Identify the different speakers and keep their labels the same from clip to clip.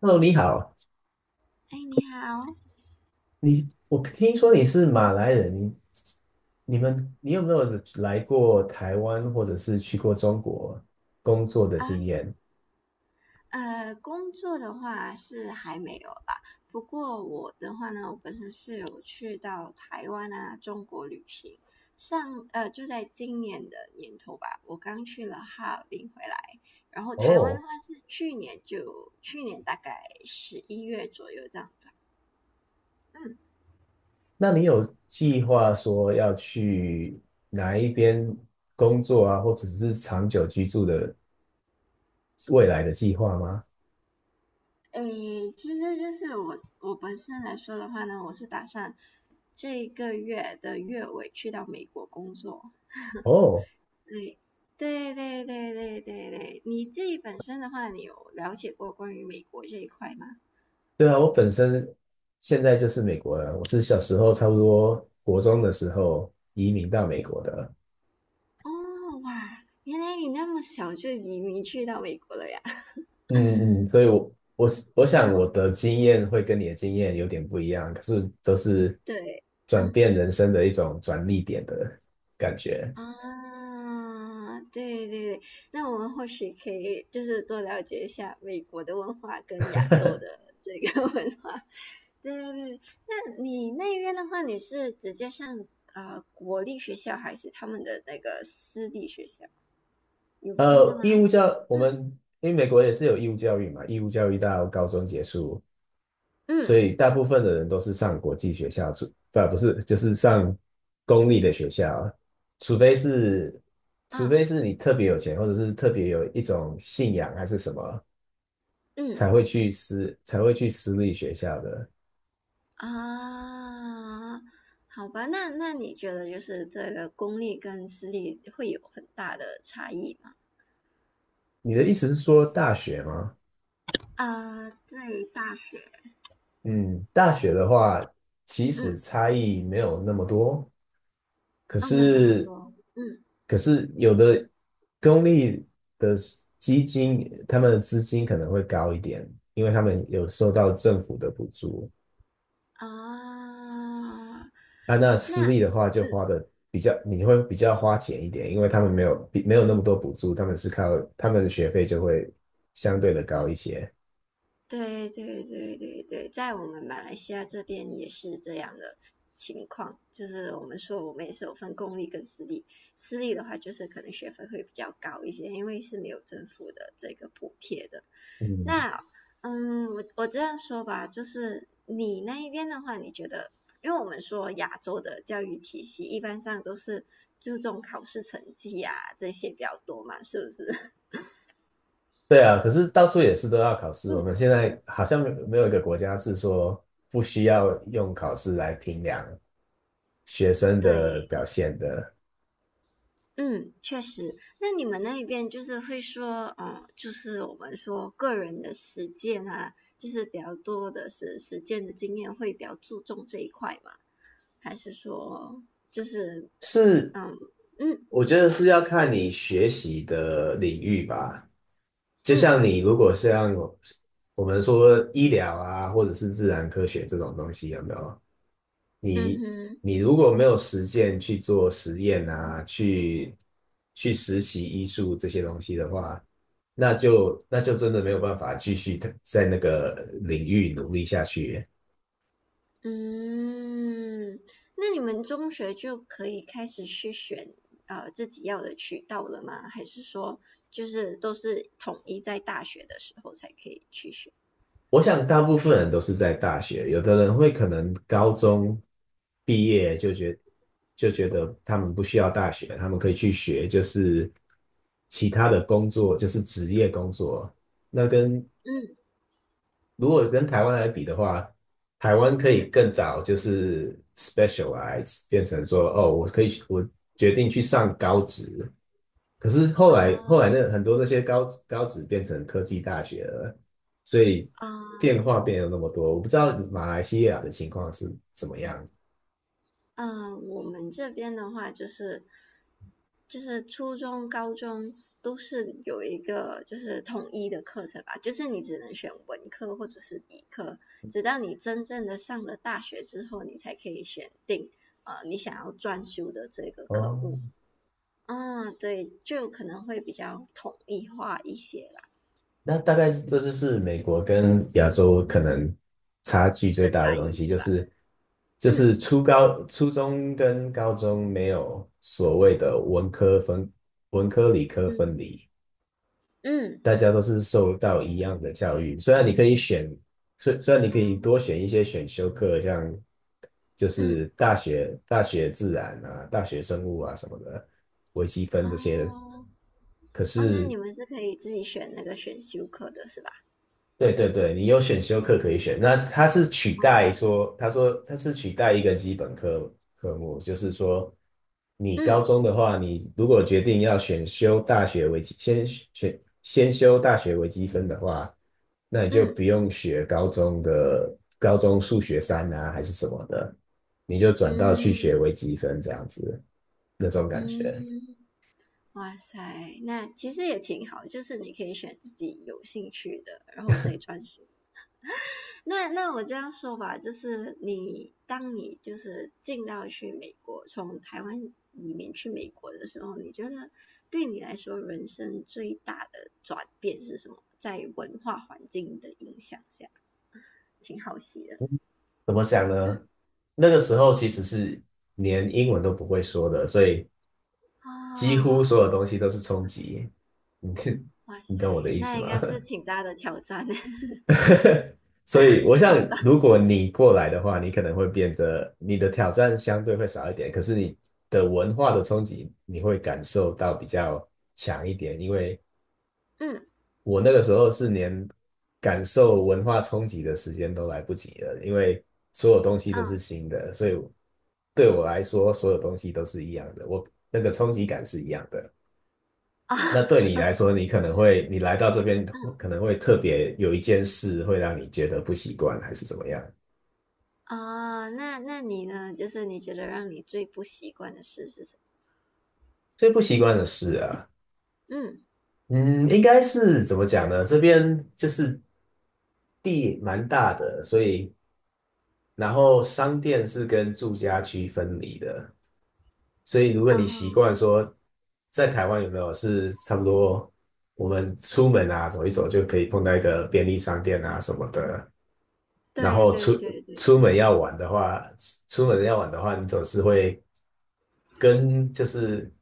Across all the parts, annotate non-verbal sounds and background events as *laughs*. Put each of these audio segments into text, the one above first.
Speaker 1: Hello，你好，
Speaker 2: 哎，你好
Speaker 1: 我听说你是马来人，你有没有来过台湾或者是去过中国工作的
Speaker 2: 啊，
Speaker 1: 经验？
Speaker 2: 工作的话是还没有啦。不过我的话呢，我本身是有去到台湾啊、中国旅行。就在今年的年头吧，我刚去了哈尔滨回来。然后台湾的
Speaker 1: 哦，
Speaker 2: 话是去年大概11月左右这样吧。嗯，
Speaker 1: 那你有计划说要去哪一边工作啊，或者是长久居住的未来的计划吗？
Speaker 2: 诶，其实就是我本身来说的话呢，我是打算这一个月的月尾去到美国工作。
Speaker 1: 哦，
Speaker 2: 对，对对对对对对，你自己本身的话，你有了解过关于美国这一块吗？
Speaker 1: 对啊，我本身现在就是美国人，我是小时候差不多国中的时候移民到美国的。
Speaker 2: 哦，哇，原来你那么小就移民去到美国了呀？*laughs*
Speaker 1: 嗯嗯，所以我想
Speaker 2: 嗯，
Speaker 1: 我的经验会跟你的经验有点不一样，可是都是
Speaker 2: 对，
Speaker 1: 转
Speaker 2: 嗯
Speaker 1: 变人生的一种转捩点的感觉。
Speaker 2: 啊，对对对，那我们或许可以就是多了解一下美国的文化跟亚洲的
Speaker 1: *laughs*
Speaker 2: 这个 *laughs* 文化。对对对，那你那边的话，你是直接上国立学校还是他们的那个私立学校？有分的
Speaker 1: 呃，义
Speaker 2: 吗？
Speaker 1: 务教我
Speaker 2: 嗯，
Speaker 1: 们因为美国也是有义务教育嘛，义务教育到高中结束，所
Speaker 2: 嗯
Speaker 1: 以大部分的人都是上国际学校，除不不是就是上公立的学校啊，除非是除非
Speaker 2: 嗯
Speaker 1: 是你特别有钱，或者是特别有一种信仰还是什么，
Speaker 2: 嗯
Speaker 1: 才会去私立学校的。
Speaker 2: 啊，好吧，那你觉得就是这个公立跟私立会有很大的差异吗？
Speaker 1: 你的意思是说大学吗？
Speaker 2: 啊，在大学，
Speaker 1: 嗯，大学的话，其实
Speaker 2: 嗯，
Speaker 1: 差异没有那么多，可
Speaker 2: 哦，没有那么
Speaker 1: 是，
Speaker 2: 多，嗯
Speaker 1: 可是有的公立的基金，他们的资金可能会高一点，因为他们有受到政府的补助。
Speaker 2: 啊，
Speaker 1: 啊，那私
Speaker 2: 那
Speaker 1: 立的话就花
Speaker 2: 嗯
Speaker 1: 的比较，你会比较花钱一点，因为他们没有那么多补助，他们是靠他们的学费就会相对的高一些。
Speaker 2: 对对对对对，在我们马来西亚这边也是这样的情况，就是我们说我们也是有分公立跟私立，私立的话就是可能学费会比较高一些，因为是没有政府的这个补贴的。
Speaker 1: 嗯，
Speaker 2: 那嗯，我这样说吧，就是你那一边的话，你觉得，因为我们说亚洲的教育体系一般上都是注重考试成绩啊这些比较多嘛，是不是？
Speaker 1: 对啊，可是到处也是都要考
Speaker 2: *laughs*
Speaker 1: 试。我
Speaker 2: 嗯，
Speaker 1: 们现在好像没有一个国家是说不需要用考试来评量学生的
Speaker 2: 对，
Speaker 1: 表现的。
Speaker 2: 嗯，确实。那你们那一边就是会说，嗯，就是我们说个人的实践啊，就是比较多的是实践的经验，会比较注重这一块嘛？还是说，就是
Speaker 1: 是，
Speaker 2: 嗯嗯
Speaker 1: 我觉得是要看你学习的领域吧。就
Speaker 2: 嗯
Speaker 1: 像你，如果像我，我们说医疗啊，或者是自然科学这种东西，有没有？
Speaker 2: 嗯
Speaker 1: 你
Speaker 2: 哼
Speaker 1: 你如果没有实践去做实验啊，去实习医术这些东西的话，那就真的没有办法继续在那个领域努力下去。
Speaker 2: 嗯，那你们中学就可以开始去选自己要的渠道了吗？还是说就是都是统一在大学的时候才可以去选？
Speaker 1: 我想大部分人都是在大学，有的人会可能高中毕业就觉得他们不需要大学，他们可以去学就是其他的工作，就是职业工作。那跟
Speaker 2: 嗯
Speaker 1: 如果跟台湾来比的话，台湾可以
Speaker 2: 嗯
Speaker 1: 更早就是 specialize,变成说哦，我可以，我决定去上高职，可是后来那
Speaker 2: 啊
Speaker 1: 很多那些高职变成科技大学了，所以
Speaker 2: 啊，
Speaker 1: 变化变了那么多。我不知道马来西亚的情况是怎么样。
Speaker 2: 嗯，我们这边的话就是初中、高中都是有一个就是统一的课程吧，就是你只能选文科或者是理科，直到你真正的上了大学之后，你才可以选定你想要专修的这个科
Speaker 1: 哦，
Speaker 2: 目。啊，对，就可能会比较统一化一些啦
Speaker 1: 那大概是这就是美国跟亚洲可能差距最
Speaker 2: 的差
Speaker 1: 大的东
Speaker 2: 异
Speaker 1: 西，
Speaker 2: 是
Speaker 1: 就
Speaker 2: 吧？
Speaker 1: 是就是
Speaker 2: 嗯
Speaker 1: 初中跟高中没有所谓的文科分、文科理科分
Speaker 2: 嗯
Speaker 1: 离，
Speaker 2: 嗯
Speaker 1: 大家都是受到一样的教育，虽然你可以选，虽然你可以
Speaker 2: 啊
Speaker 1: 多选一些选修课，像就是
Speaker 2: 嗯
Speaker 1: 大学自然啊、大学生物啊什么的，微积分
Speaker 2: 啊。
Speaker 1: 这些，
Speaker 2: 哦
Speaker 1: 可
Speaker 2: 哦，那
Speaker 1: 是
Speaker 2: 你们是可以自己选那个选修课的是吧？
Speaker 1: 对对对，你有选修课可以选。那它是取代
Speaker 2: 哦，
Speaker 1: 说，他说它是取代一个基本科目，就是说，你高
Speaker 2: 嗯
Speaker 1: 中的话，你如果决定要选修大学微积，先选先修大学微积分的话，那你就不
Speaker 2: 嗯
Speaker 1: 用学高中的数学三啊，还是什么的，你就转到去学
Speaker 2: 嗯
Speaker 1: 微积分这样子，那种感觉。
Speaker 2: 嗯，哇塞，那其实也挺好，就是你可以选自己有兴趣的，然后再专心。那我这样说吧，就是你当你就是进到去美国，从台湾移民去美国的时候，你觉得对你来说人生最大的转变是什么？在文化环境的影响下，挺好奇的。
Speaker 1: 怎么想
Speaker 2: 嗯
Speaker 1: 呢？那个时候其实是连英文都不会说的，所以几乎所
Speaker 2: 啊，
Speaker 1: 有东西都是冲击，你
Speaker 2: 哇
Speaker 1: *laughs* 你
Speaker 2: 塞，
Speaker 1: 懂我的意
Speaker 2: 那
Speaker 1: 思
Speaker 2: 应
Speaker 1: 吗？
Speaker 2: 该是挺大的挑战，*laughs*
Speaker 1: *laughs* 所以，我想，
Speaker 2: 好的，
Speaker 1: 如果你过来的话，你可能会变得你的挑战相对会少一点，可是你的文化的冲击你会感受到比较强一点。因为
Speaker 2: 嗯
Speaker 1: 我那个时候是连感受文化冲击的时间都来不及了，因为所有东西都
Speaker 2: 嗯啊
Speaker 1: 是新的，所以对我来说，所有东西都是一样的，我那个冲击感是一样的。
Speaker 2: 啊，
Speaker 1: 那对你
Speaker 2: *laughs*
Speaker 1: 来说，你可能会，你来到这边可能会特别有一件事会让你觉得不习惯，还是怎么样？
Speaker 2: 哦那你呢？就是你觉得让你最不习惯的事是什
Speaker 1: 最不习惯的事啊，
Speaker 2: 么？嗯，
Speaker 1: 嗯，应该是怎么讲呢？这边就是地蛮大的，所以然后商店是跟住家区分离的，所以如果
Speaker 2: 哦，
Speaker 1: 你习惯说在台湾有没有是差不多，我们出门啊走一走就可以碰到一个便利商店啊什么的。然
Speaker 2: 对
Speaker 1: 后
Speaker 2: 对
Speaker 1: 出
Speaker 2: 对对，
Speaker 1: 出门要玩的话，出门要玩的话，你总是会跟就是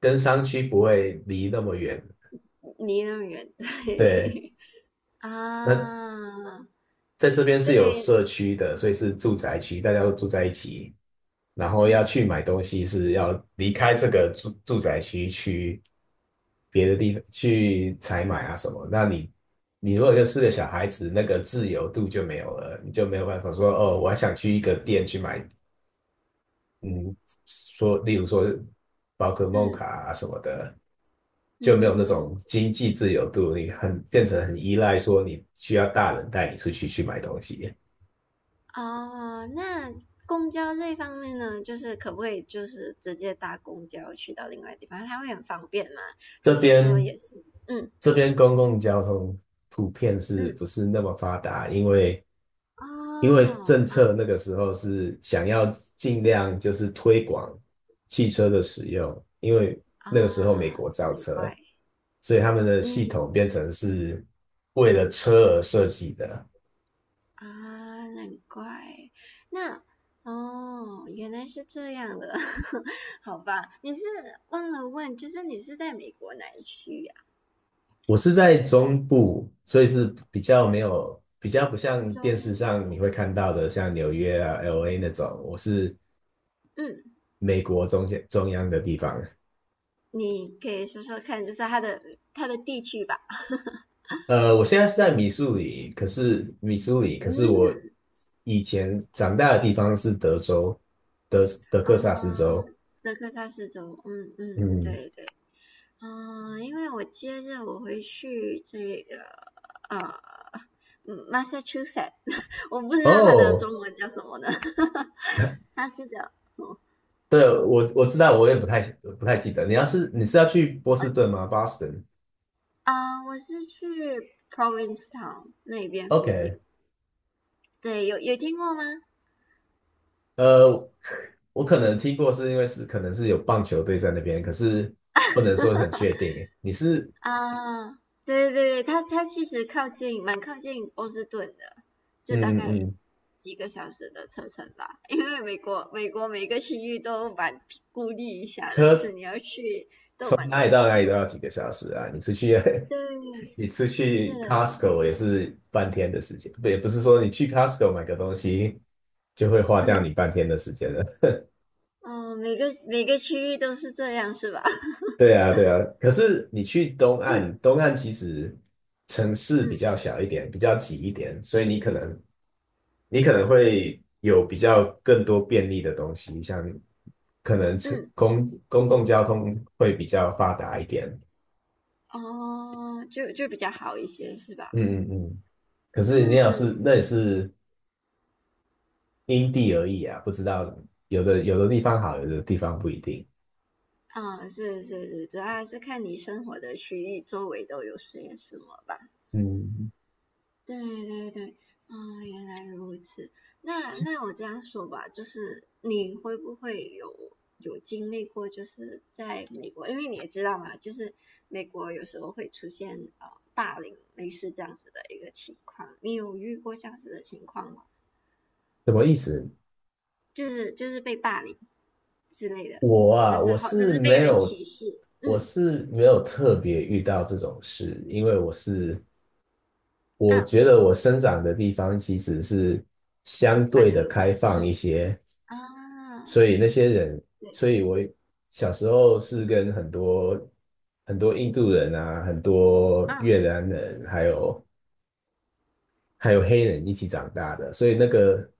Speaker 1: 跟商区不会离那么远，
Speaker 2: 离那么远，对
Speaker 1: 对。
Speaker 2: *laughs*
Speaker 1: 那
Speaker 2: 啊，
Speaker 1: 在这边是有
Speaker 2: 对，
Speaker 1: 社区的，所以是住宅区，大家都住在一起。然后要
Speaker 2: 嗯
Speaker 1: 去买东西是要离开这个住宅区去别的地方去采买啊什么。那你如果就是个小孩子，那个自由度就没有了，你就没有办法说哦，我还想去一个店去买嗯，例如说宝可梦卡
Speaker 2: 嗯
Speaker 1: 啊什么的，就没
Speaker 2: 嗯
Speaker 1: 有那
Speaker 2: 哼，
Speaker 1: 种经济自由度，你很变成很依赖说你需要大人带你出去去买东西。
Speaker 2: 哦，那公交这一方面呢，就是可不可以就是直接搭公交去到另外地方？它会很方便吗？
Speaker 1: 这
Speaker 2: 还是说
Speaker 1: 边
Speaker 2: 也是？嗯
Speaker 1: 这边公共交通普遍是
Speaker 2: 嗯。
Speaker 1: 不是那么发达？因为
Speaker 2: 哦，
Speaker 1: 政
Speaker 2: 啊
Speaker 1: 策那个时候是想要尽量就是推广汽车的使用，因为
Speaker 2: 啊，
Speaker 1: 那个时候美国造
Speaker 2: 难
Speaker 1: 车，
Speaker 2: 怪，
Speaker 1: 所以他们的系
Speaker 2: 嗯
Speaker 1: 统变成是为了车而设计的。
Speaker 2: 啊，难怪，那哦，原来是这样的，*laughs* 好吧，你是忘了问，就是你是在美国哪一区呀、
Speaker 1: 我是在中部，所以是比较没有，比较不像电
Speaker 2: 中，
Speaker 1: 视上你会看到的，像纽约啊、LA 那种。我是
Speaker 2: 嗯，
Speaker 1: 美国中间中央的地方。
Speaker 2: 你可以说说看，就是它的地区吧，
Speaker 1: 我现在是在密苏里，可
Speaker 2: 嗯，
Speaker 1: 是我以前长大的地方是德州，德德克萨斯
Speaker 2: 啊、
Speaker 1: 州。
Speaker 2: 德克萨斯州，嗯嗯，
Speaker 1: 嗯，
Speaker 2: 对对。嗯，因为我接着我回去这个呃嗯 Massachusetts,*laughs* 我不知道它的
Speaker 1: 哦，
Speaker 2: 中文叫什么呢，*laughs* 它是叫
Speaker 1: 对，我知道，我也不太记得。你是要去波士顿
Speaker 2: 嗯
Speaker 1: 吗Boston？OK，
Speaker 2: 我是去 Provincetown 那边附近，对，有听过吗？
Speaker 1: 呃，我可能听过，是因为是可能是有棒球队在那边，可是不能说很确定。你是？
Speaker 2: 啊，对对对，它其实蛮靠近波士顿的，就大
Speaker 1: 嗯
Speaker 2: 概
Speaker 1: 嗯。
Speaker 2: 几个小时的车程吧，因为美国每个区域都蛮孤立一下的，就
Speaker 1: 车
Speaker 2: 是你要去都
Speaker 1: 从
Speaker 2: 蛮
Speaker 1: 哪里
Speaker 2: 远。
Speaker 1: 到哪里都要几个小时啊？你出去
Speaker 2: 对，
Speaker 1: 你出
Speaker 2: 是
Speaker 1: 去
Speaker 2: 的，是的，
Speaker 1: Costco 也是半天的时间，不，也不是说你去 Costco 买个东西就会花掉
Speaker 2: 嗯
Speaker 1: 你半天的时间了。*laughs*
Speaker 2: 哦，每个区域都是这样，是吧？*laughs*
Speaker 1: 对啊，对啊。可是你去东
Speaker 2: 嗯
Speaker 1: 岸，东岸其实城市比
Speaker 2: 嗯
Speaker 1: 较小一点，比较挤一点，所以你可能会有比较更多便利的东西，像可能车
Speaker 2: 嗯，
Speaker 1: 公共交通会比较发达一点。
Speaker 2: 哦，就比较好一些，是吧？
Speaker 1: 嗯嗯嗯。可是你要是
Speaker 2: 嗯，
Speaker 1: 那也是因地而异啊，不知道有的地方好，有的地方不一定。
Speaker 2: 啊，是是是，主要还是看你生活的区域周围都有些什么吧。
Speaker 1: 嗯，
Speaker 2: 对对对，啊，原来如此。那
Speaker 1: 其实
Speaker 2: 那我这样说吧，就是你会不会有经历过，就是在美国，因为你也知道嘛，就是美国有时候会出现霸凌类似这样子的一个情况，你有遇过这样子的情况吗？
Speaker 1: 什么意思？
Speaker 2: 就是被霸凌之类的，
Speaker 1: 我
Speaker 2: 就
Speaker 1: 啊，
Speaker 2: 是
Speaker 1: 我
Speaker 2: 好，就
Speaker 1: 是
Speaker 2: 是被
Speaker 1: 没
Speaker 2: 人
Speaker 1: 有，
Speaker 2: 歧视，
Speaker 1: 我
Speaker 2: 嗯
Speaker 1: 是没有特别遇到这种事，因为我是，我
Speaker 2: 啊，
Speaker 1: 觉得我生长的地方其实是相
Speaker 2: 蛮
Speaker 1: 对的
Speaker 2: 和平，
Speaker 1: 开放
Speaker 2: 嗯
Speaker 1: 一些，
Speaker 2: 啊，
Speaker 1: 所以那些人，
Speaker 2: 对，
Speaker 1: 所以我小时候是跟很多很多印度人啊，很多
Speaker 2: 啊，
Speaker 1: 越南人，还有黑人一起长大的，所以那个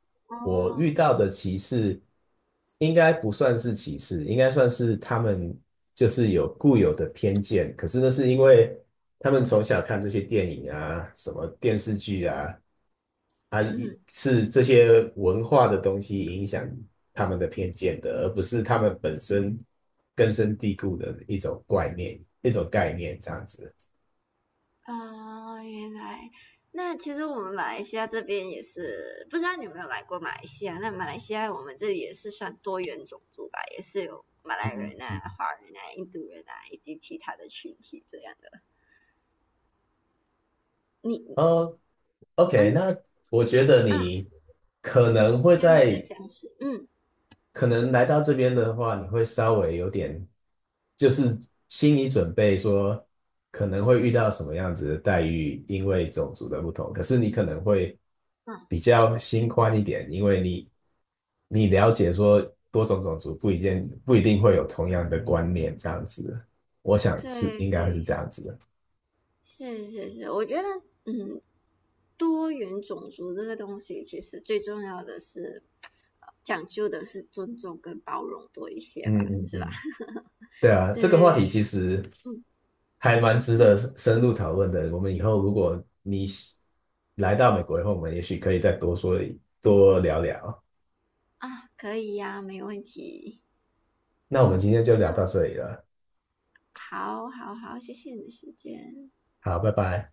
Speaker 1: 我
Speaker 2: 哦，
Speaker 1: 遇到的歧视应该不算是歧视，应该算是他们就是有固有的偏见。可是那是因为他们从小看这些电影啊、什么电视剧啊，啊
Speaker 2: 嗯。
Speaker 1: 是这些文化的东西影响他们的偏见的，而不是他们本身根深蒂固的一种观念、一种概念这样子。
Speaker 2: 啊，原来那其实我们马来西亚这边也是，不知道你有没有来过马来西亚？那马来西亚我们这里也是算多元种族吧，也是有马来人
Speaker 1: 嗯
Speaker 2: 啊、华人啊、印度人啊，以及其他的群体这样的。你
Speaker 1: 呃 OK,
Speaker 2: 嗯
Speaker 1: 那我觉得
Speaker 2: 嗯，
Speaker 1: 你可能会
Speaker 2: 跟你的
Speaker 1: 在，
Speaker 2: 相似，嗯
Speaker 1: 可能来到这边的话，你会稍微有点，就是心理准备说可能会遇到什么样子的待遇，因为种族的不同。可是你可能会
Speaker 2: 嗯，
Speaker 1: 比较心宽一点，因为你了解说多种种族不一定会有同样的观念，这样子，我想是
Speaker 2: 对
Speaker 1: 应该会是
Speaker 2: 对，
Speaker 1: 这样子的。
Speaker 2: 是是是，我觉得嗯，多元种族这个东西其实最重要的是。讲究的是尊重跟包容多一些吧，
Speaker 1: 嗯嗯
Speaker 2: 是吧？
Speaker 1: 嗯。对啊，
Speaker 2: 对
Speaker 1: 这个话
Speaker 2: 对，
Speaker 1: 题其
Speaker 2: 对
Speaker 1: 实
Speaker 2: 嗯，
Speaker 1: 还蛮值
Speaker 2: 嗯
Speaker 1: 得深入讨论的。我们以后如果你来到美国以后，我们也许可以再多说一多聊聊。
Speaker 2: 啊，可以呀，没问题。
Speaker 1: 那我们今天就聊到
Speaker 2: 那
Speaker 1: 这里了，
Speaker 2: 好，好，好，谢谢你的时间。
Speaker 1: 好，拜拜。